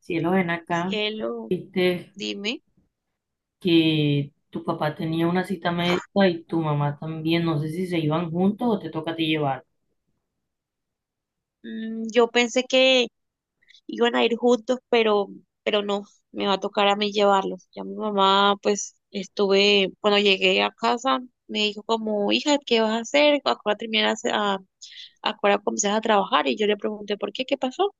Cielo, ven acá. Cielo, Viste dime. que tu papá tenía una cita médica y tu mamá también. No sé si se iban juntos o te toca a ti llevar. Yo pensé que iban a ir juntos, pero no, me va a tocar a mí llevarlos. Ya mi mamá, pues, estuve, cuando llegué a casa, me dijo como, hija, ¿qué vas a hacer? Ahora comienzas a trabajar? Y yo le pregunté, ¿por qué? ¿Qué pasó?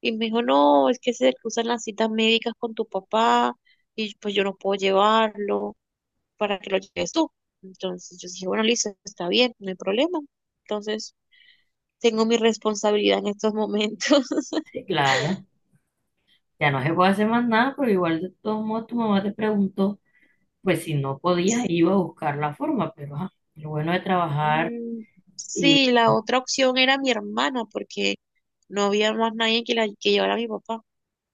Y me dijo, no, es que se cruzan las citas médicas con tu papá y pues yo no puedo llevarlo para que lo lleves tú. Entonces yo dije, bueno, listo, está bien, no hay problema. Entonces tengo mi responsabilidad en estos momentos. Sí, claro. Ya no se puede hacer más nada, pero igual de todos modos tu mamá te preguntó, pues si no podías, iba a buscar la forma. Pero ajá, lo bueno de trabajar, Mm. y Sí, la otra opción era mi hermana, porque no había más nadie que llevara a mi papá.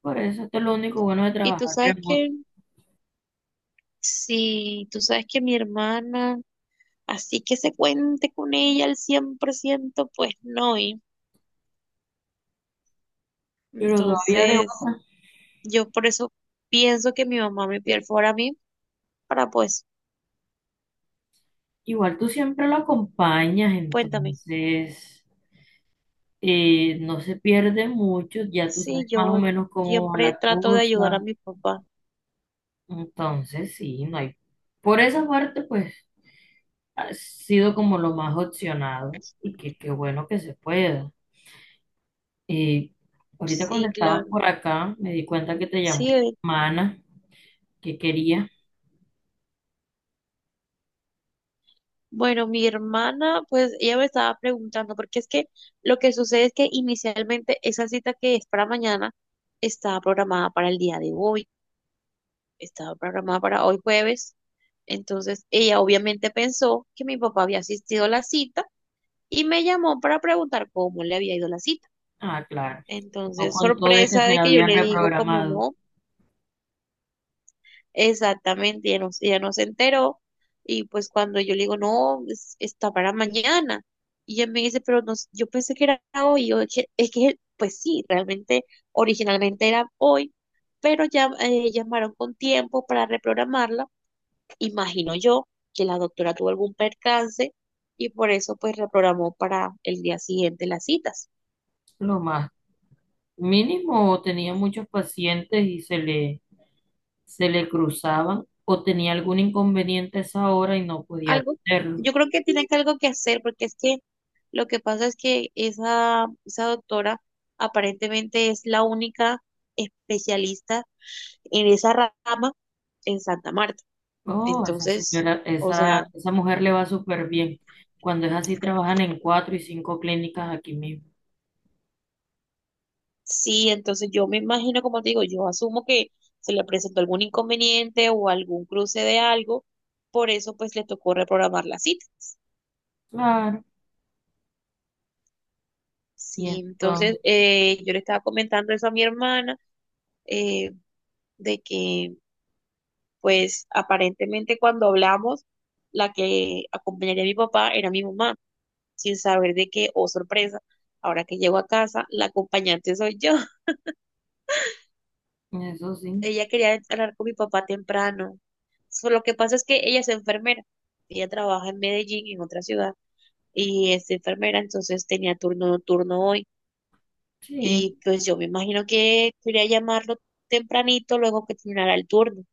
por eso esto es lo único bueno de Y tú trabajar sabes que, remoto. sí, tú sabes que mi hermana, así que se cuente con ella al 100% pues no. Y Pero todavía de entonces, otra, yo por eso pienso que mi mamá me perfora a mí, para pues, Igual tú siempre lo acompañas, cuéntame. entonces no se pierde mucho, ya tú Sí, sabes más o yo menos cómo va siempre la trato de ayudar a cosa. mi papá. Entonces, sí, no hay. Por esa parte, pues, ha sido como lo más opcionado y que qué bueno que se pueda. Eh, Ahorita cuando Sí, estabas claro. por acá, me di cuenta que te llamó Sí, Mana, que quería. bueno, mi hermana, pues ella me estaba preguntando, porque es que lo que sucede es que inicialmente esa cita que es para mañana estaba programada para el día de hoy, estaba programada para hoy jueves. Entonces ella obviamente pensó que mi papá había asistido a la cita y me llamó para preguntar cómo le había ido la cita. Ah, claro. No Entonces, contó de que sorpresa se de la que yo le habían digo, como reprogramado. no. Exactamente, ella no se enteró y pues cuando yo le digo, no, está para mañana, y ella me dice, pero no, yo pensé que era hoy, y yo, "Es que, pues sí, realmente originalmente era hoy, pero ya llamaron con tiempo para reprogramarla, imagino yo que la doctora tuvo algún percance y por eso pues reprogramó para el día siguiente las citas. Lo más mínimo, tenía muchos pacientes y se le cruzaban o tenía algún inconveniente a esa hora y no podía Algo, atenderlo. yo creo que tiene que algo que hacer, porque es que lo que pasa es que esa doctora aparentemente es la única especialista en esa rama en Santa Marta. Oh, esa Entonces, señora, o sea, esa mujer le va súper bien. Cuando es así, trabajan en cuatro y cinco clínicas aquí mismo. sí, entonces yo me imagino, como te digo, yo asumo que se le presentó algún inconveniente o algún cruce de algo, por eso pues le tocó reprogramar la cita. Claro, y Sí, entonces entonces, yo le estaba comentando eso a mi hermana, eh, de que pues aparentemente cuando hablamos, la que acompañaría a mi papá era mi mamá, sin saber de que, oh sorpresa, ahora que llego a casa, la acompañante soy yo. eso sí, Ella quería hablar con mi papá temprano. So, lo que pasa es que ella es enfermera, ella trabaja en Medellín, en otra ciudad, y es enfermera, entonces tenía turno nocturno hoy. sí. Y pues yo me imagino que quería llamarlo tempranito luego que terminara el turno.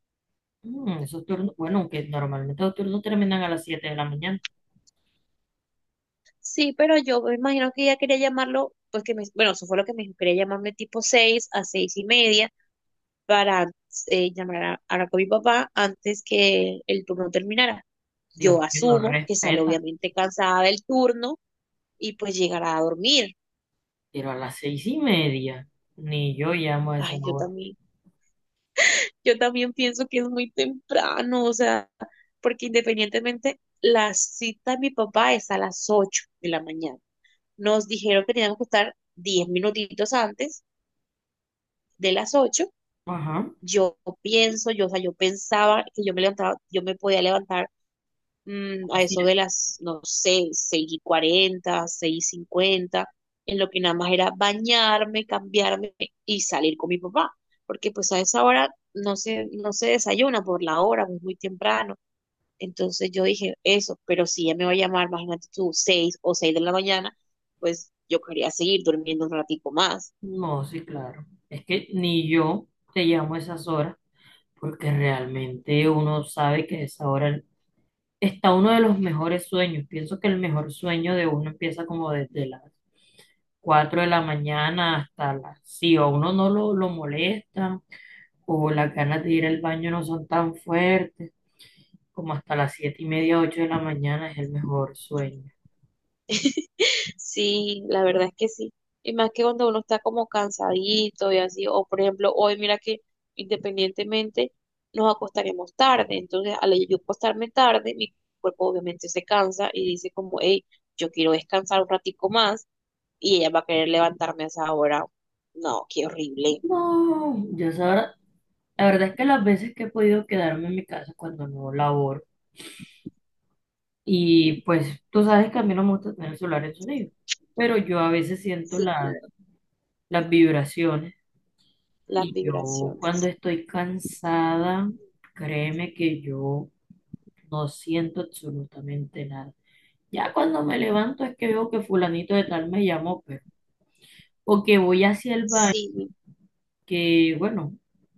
Mm, esos turnos, bueno, aunque normalmente los turnos terminan a las 7 de la mañana. Sí, pero yo me imagino que ella quería llamarlo, pues que me, bueno, eso fue lo que me dijo, quería llamarme tipo 6 a 6:30 para llamar a, hablar con mi papá antes que el turno terminara. Yo Dios mío, no asumo que sale respeta, obviamente cansada del turno y pues llegará a dormir. pero a las 6 y media, ni yo llamo a esa Ay, hora. Yo también pienso que es muy temprano, o sea, porque independientemente la cita de mi papá es a las 8 de la mañana. Nos dijeron que teníamos que estar 10 minutitos antes de las 8. Ajá, Yo pienso, yo, o sea, yo pensaba que yo me levantaba, yo me podía levantar mm, a así. eso de las, no sé, seis y 40, 6:50, en lo que nada más era bañarme, cambiarme y salir con mi papá, porque pues a esa hora no se, no se desayuna por la hora, es muy temprano. Entonces yo dije eso, pero si ella me va a llamar, imagínate tú, 6 o 6 de la mañana, pues yo quería seguir durmiendo un ratico más. No, sí, claro. Es que ni yo te llamo a esas horas porque realmente uno sabe que a esa hora está uno de los mejores sueños. Pienso que el mejor sueño de uno empieza como desde las 4 de la mañana hasta las... Si a uno no lo molesta o las ganas de ir al baño no son tan fuertes, como hasta las 7 y media, 8 de la mañana es el mejor sueño. Sí, la verdad es que sí. Y más que cuando uno está como cansadito y así, o por ejemplo, hoy mira que independientemente nos acostaremos tarde, entonces al yo acostarme tarde, mi cuerpo obviamente se cansa y dice como, hey, yo quiero descansar un ratico más y ella va a querer levantarme a esa hora. No, qué horrible. No, yo esa hora- La verdad es que las veces que he podido quedarme en mi casa cuando no laboro, y pues tú sabes que a mí no me gusta tener el celular en sonido, pero yo a veces siento Sí, claro, las vibraciones. las Y yo cuando vibraciones. estoy cansada, créeme que yo no siento absolutamente nada. Ya cuando me levanto es que veo que fulanito de tal me llamó, pero, o que voy hacia el baño, Sí, que bueno,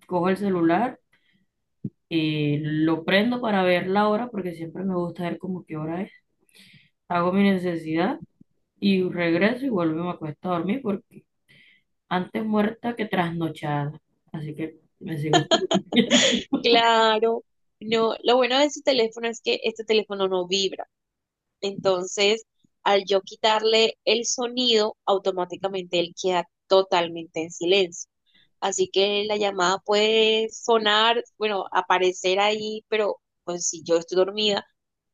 cojo el celular, lo prendo para ver la hora, porque siempre me gusta ver como qué hora es, hago mi necesidad y regreso y vuelvo y me acuesto a dormir porque antes muerta que trasnochada. Así que me sigo durmiendo. claro. No, lo bueno de este teléfono es que este teléfono no vibra. Entonces, al yo quitarle el sonido, automáticamente él queda totalmente en silencio. Así que la llamada puede sonar, bueno, aparecer ahí, pero pues si yo estoy dormida,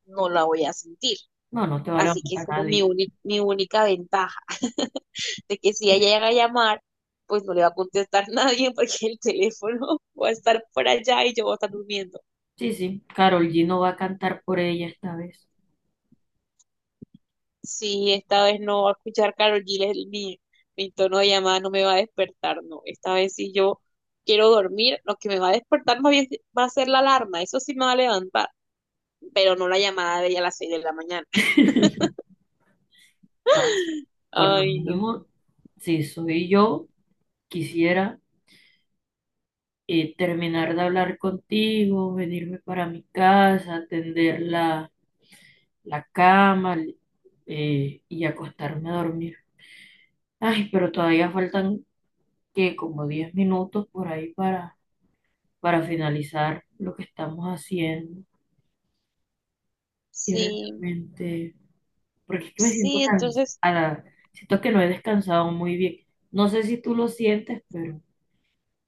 no la voy a sentir. No, no te va a Así que es levantar como mi, nadie. Mi única ventaja, de que si ella llega a llamar, pues no le va a contestar nadie porque el teléfono va a estar por allá y yo voy a estar durmiendo. Sí, sí. Karol G no va a cantar por ella esta vez. Sí, esta vez no va a escuchar Karol G. Mi tono de llamada no me va a despertar, no. Esta vez si yo quiero dormir, lo que me va a despertar más bien va a ser la alarma, eso sí me va a levantar, pero no la llamada de ella a las 6 de la mañana. No. Por lo Ay, no. mínimo, si soy yo, quisiera terminar de hablar contigo, venirme para mi casa, atender la cama y acostarme a dormir. Ay, pero todavía faltan que como 10 minutos por ahí para finalizar lo que estamos haciendo. Y Sí, realmente, porque es que me siento sí, entonces cansada, siento que no he descansado muy bien. No sé si tú lo sientes, pero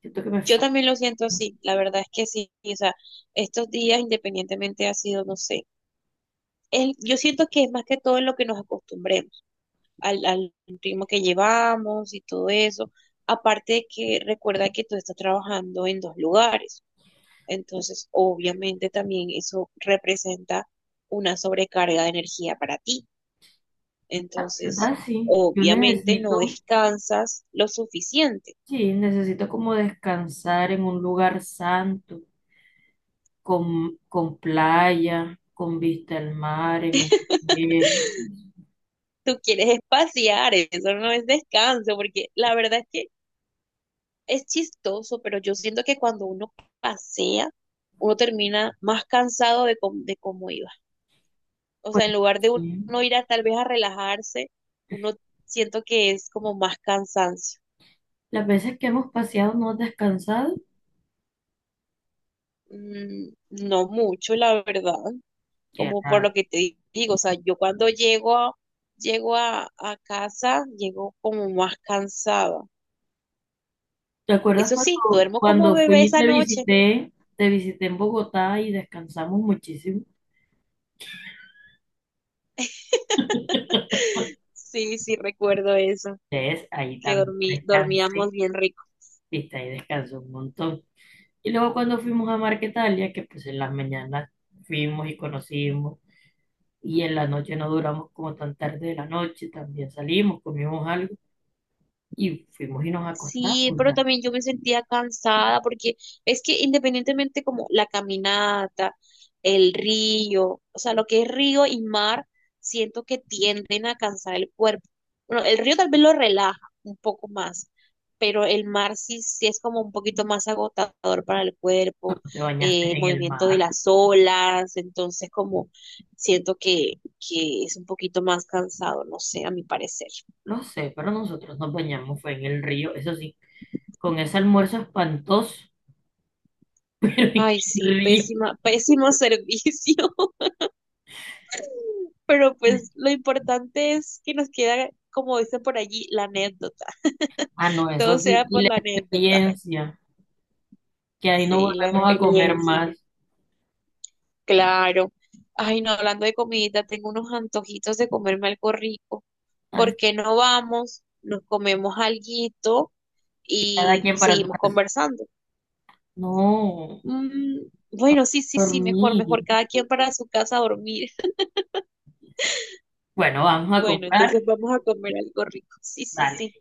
siento que me yo falta, también lo siento así, la verdad es que sí, o sea, estos días independientemente ha sido, no sé, yo siento que es más que todo en lo que nos acostumbremos. Al ritmo que llevamos y todo eso. Aparte de que recuerda que tú estás trabajando en dos lugares, entonces obviamente también eso representa una sobrecarga de energía para ti. Entonces, ¿verdad? Sí, yo obviamente no necesito, descansas lo suficiente. sí, necesito como descansar en un lugar santo, con playa, con vista al mar, en un hotel. Tú quieres espaciar, eso no es descanso, porque la verdad es que es chistoso, pero yo siento que cuando uno pasea, uno termina más cansado de, de cómo iba. O Pues sea, en lugar de sí, uno ir a tal vez a relajarse, uno siento que es como más cansancio. las veces que hemos paseado no has descansado, No mucho, la verdad, qué como por lo raro. que te digo, o sea, yo cuando llego a casa, llego como más cansada. ¿Te acuerdas Eso sí, cuando, duermo como cuando bebé fui y esa te noche. visité, te visité en Bogotá y descansamos muchísimo? Sí, sí, recuerdo eso, ¿Ves? Ahí que también dormí, dormíamos descansé, bien rico. viste, ahí descansé un montón. Y luego cuando fuimos a Marquetalia, que pues en las mañanas fuimos y conocimos, y en la noche no duramos como tan tarde de la noche, también salimos, comimos algo, y fuimos y nos acostamos. Sí, pero Ya. también yo me sentía cansada porque es que independientemente como la caminata, el río, o sea, lo que es río y mar, siento que tienden a cansar el cuerpo. Bueno, el río tal vez lo relaja un poco más, pero el mar sí, sí es como un poquito más agotador para el ¿Tú cuerpo, te bañaste el en el movimiento de mar? las olas, entonces como siento que es un poquito más cansado, no sé, a mi parecer. No sé, pero nosotros nos bañamos, fue en el río, eso sí, con ese almuerzo espantoso, pero en Ay, sí, el río. pésima, pésimo servicio, pero pues lo importante es que nos queda, como dice por allí, la anécdota. Ah, no, Todo eso sea sí, y por la la anécdota. experiencia, que ahí no Sí, la volvemos a comer experiencia. más. Claro. Ay, no, hablando de comidita, tengo unos antojitos de comerme algo rico. Ah, ¿Por qué no vamos? Nos comemos alguito y cada y quien para su seguimos casa. conversando. No, Mm, bueno, sí, sí, por sí, mejor, mejor mí. cada quien para su casa a dormir. Bueno, vamos a Bueno, comprar. entonces vamos a comer algo rico. Sí, sí, Dale. sí.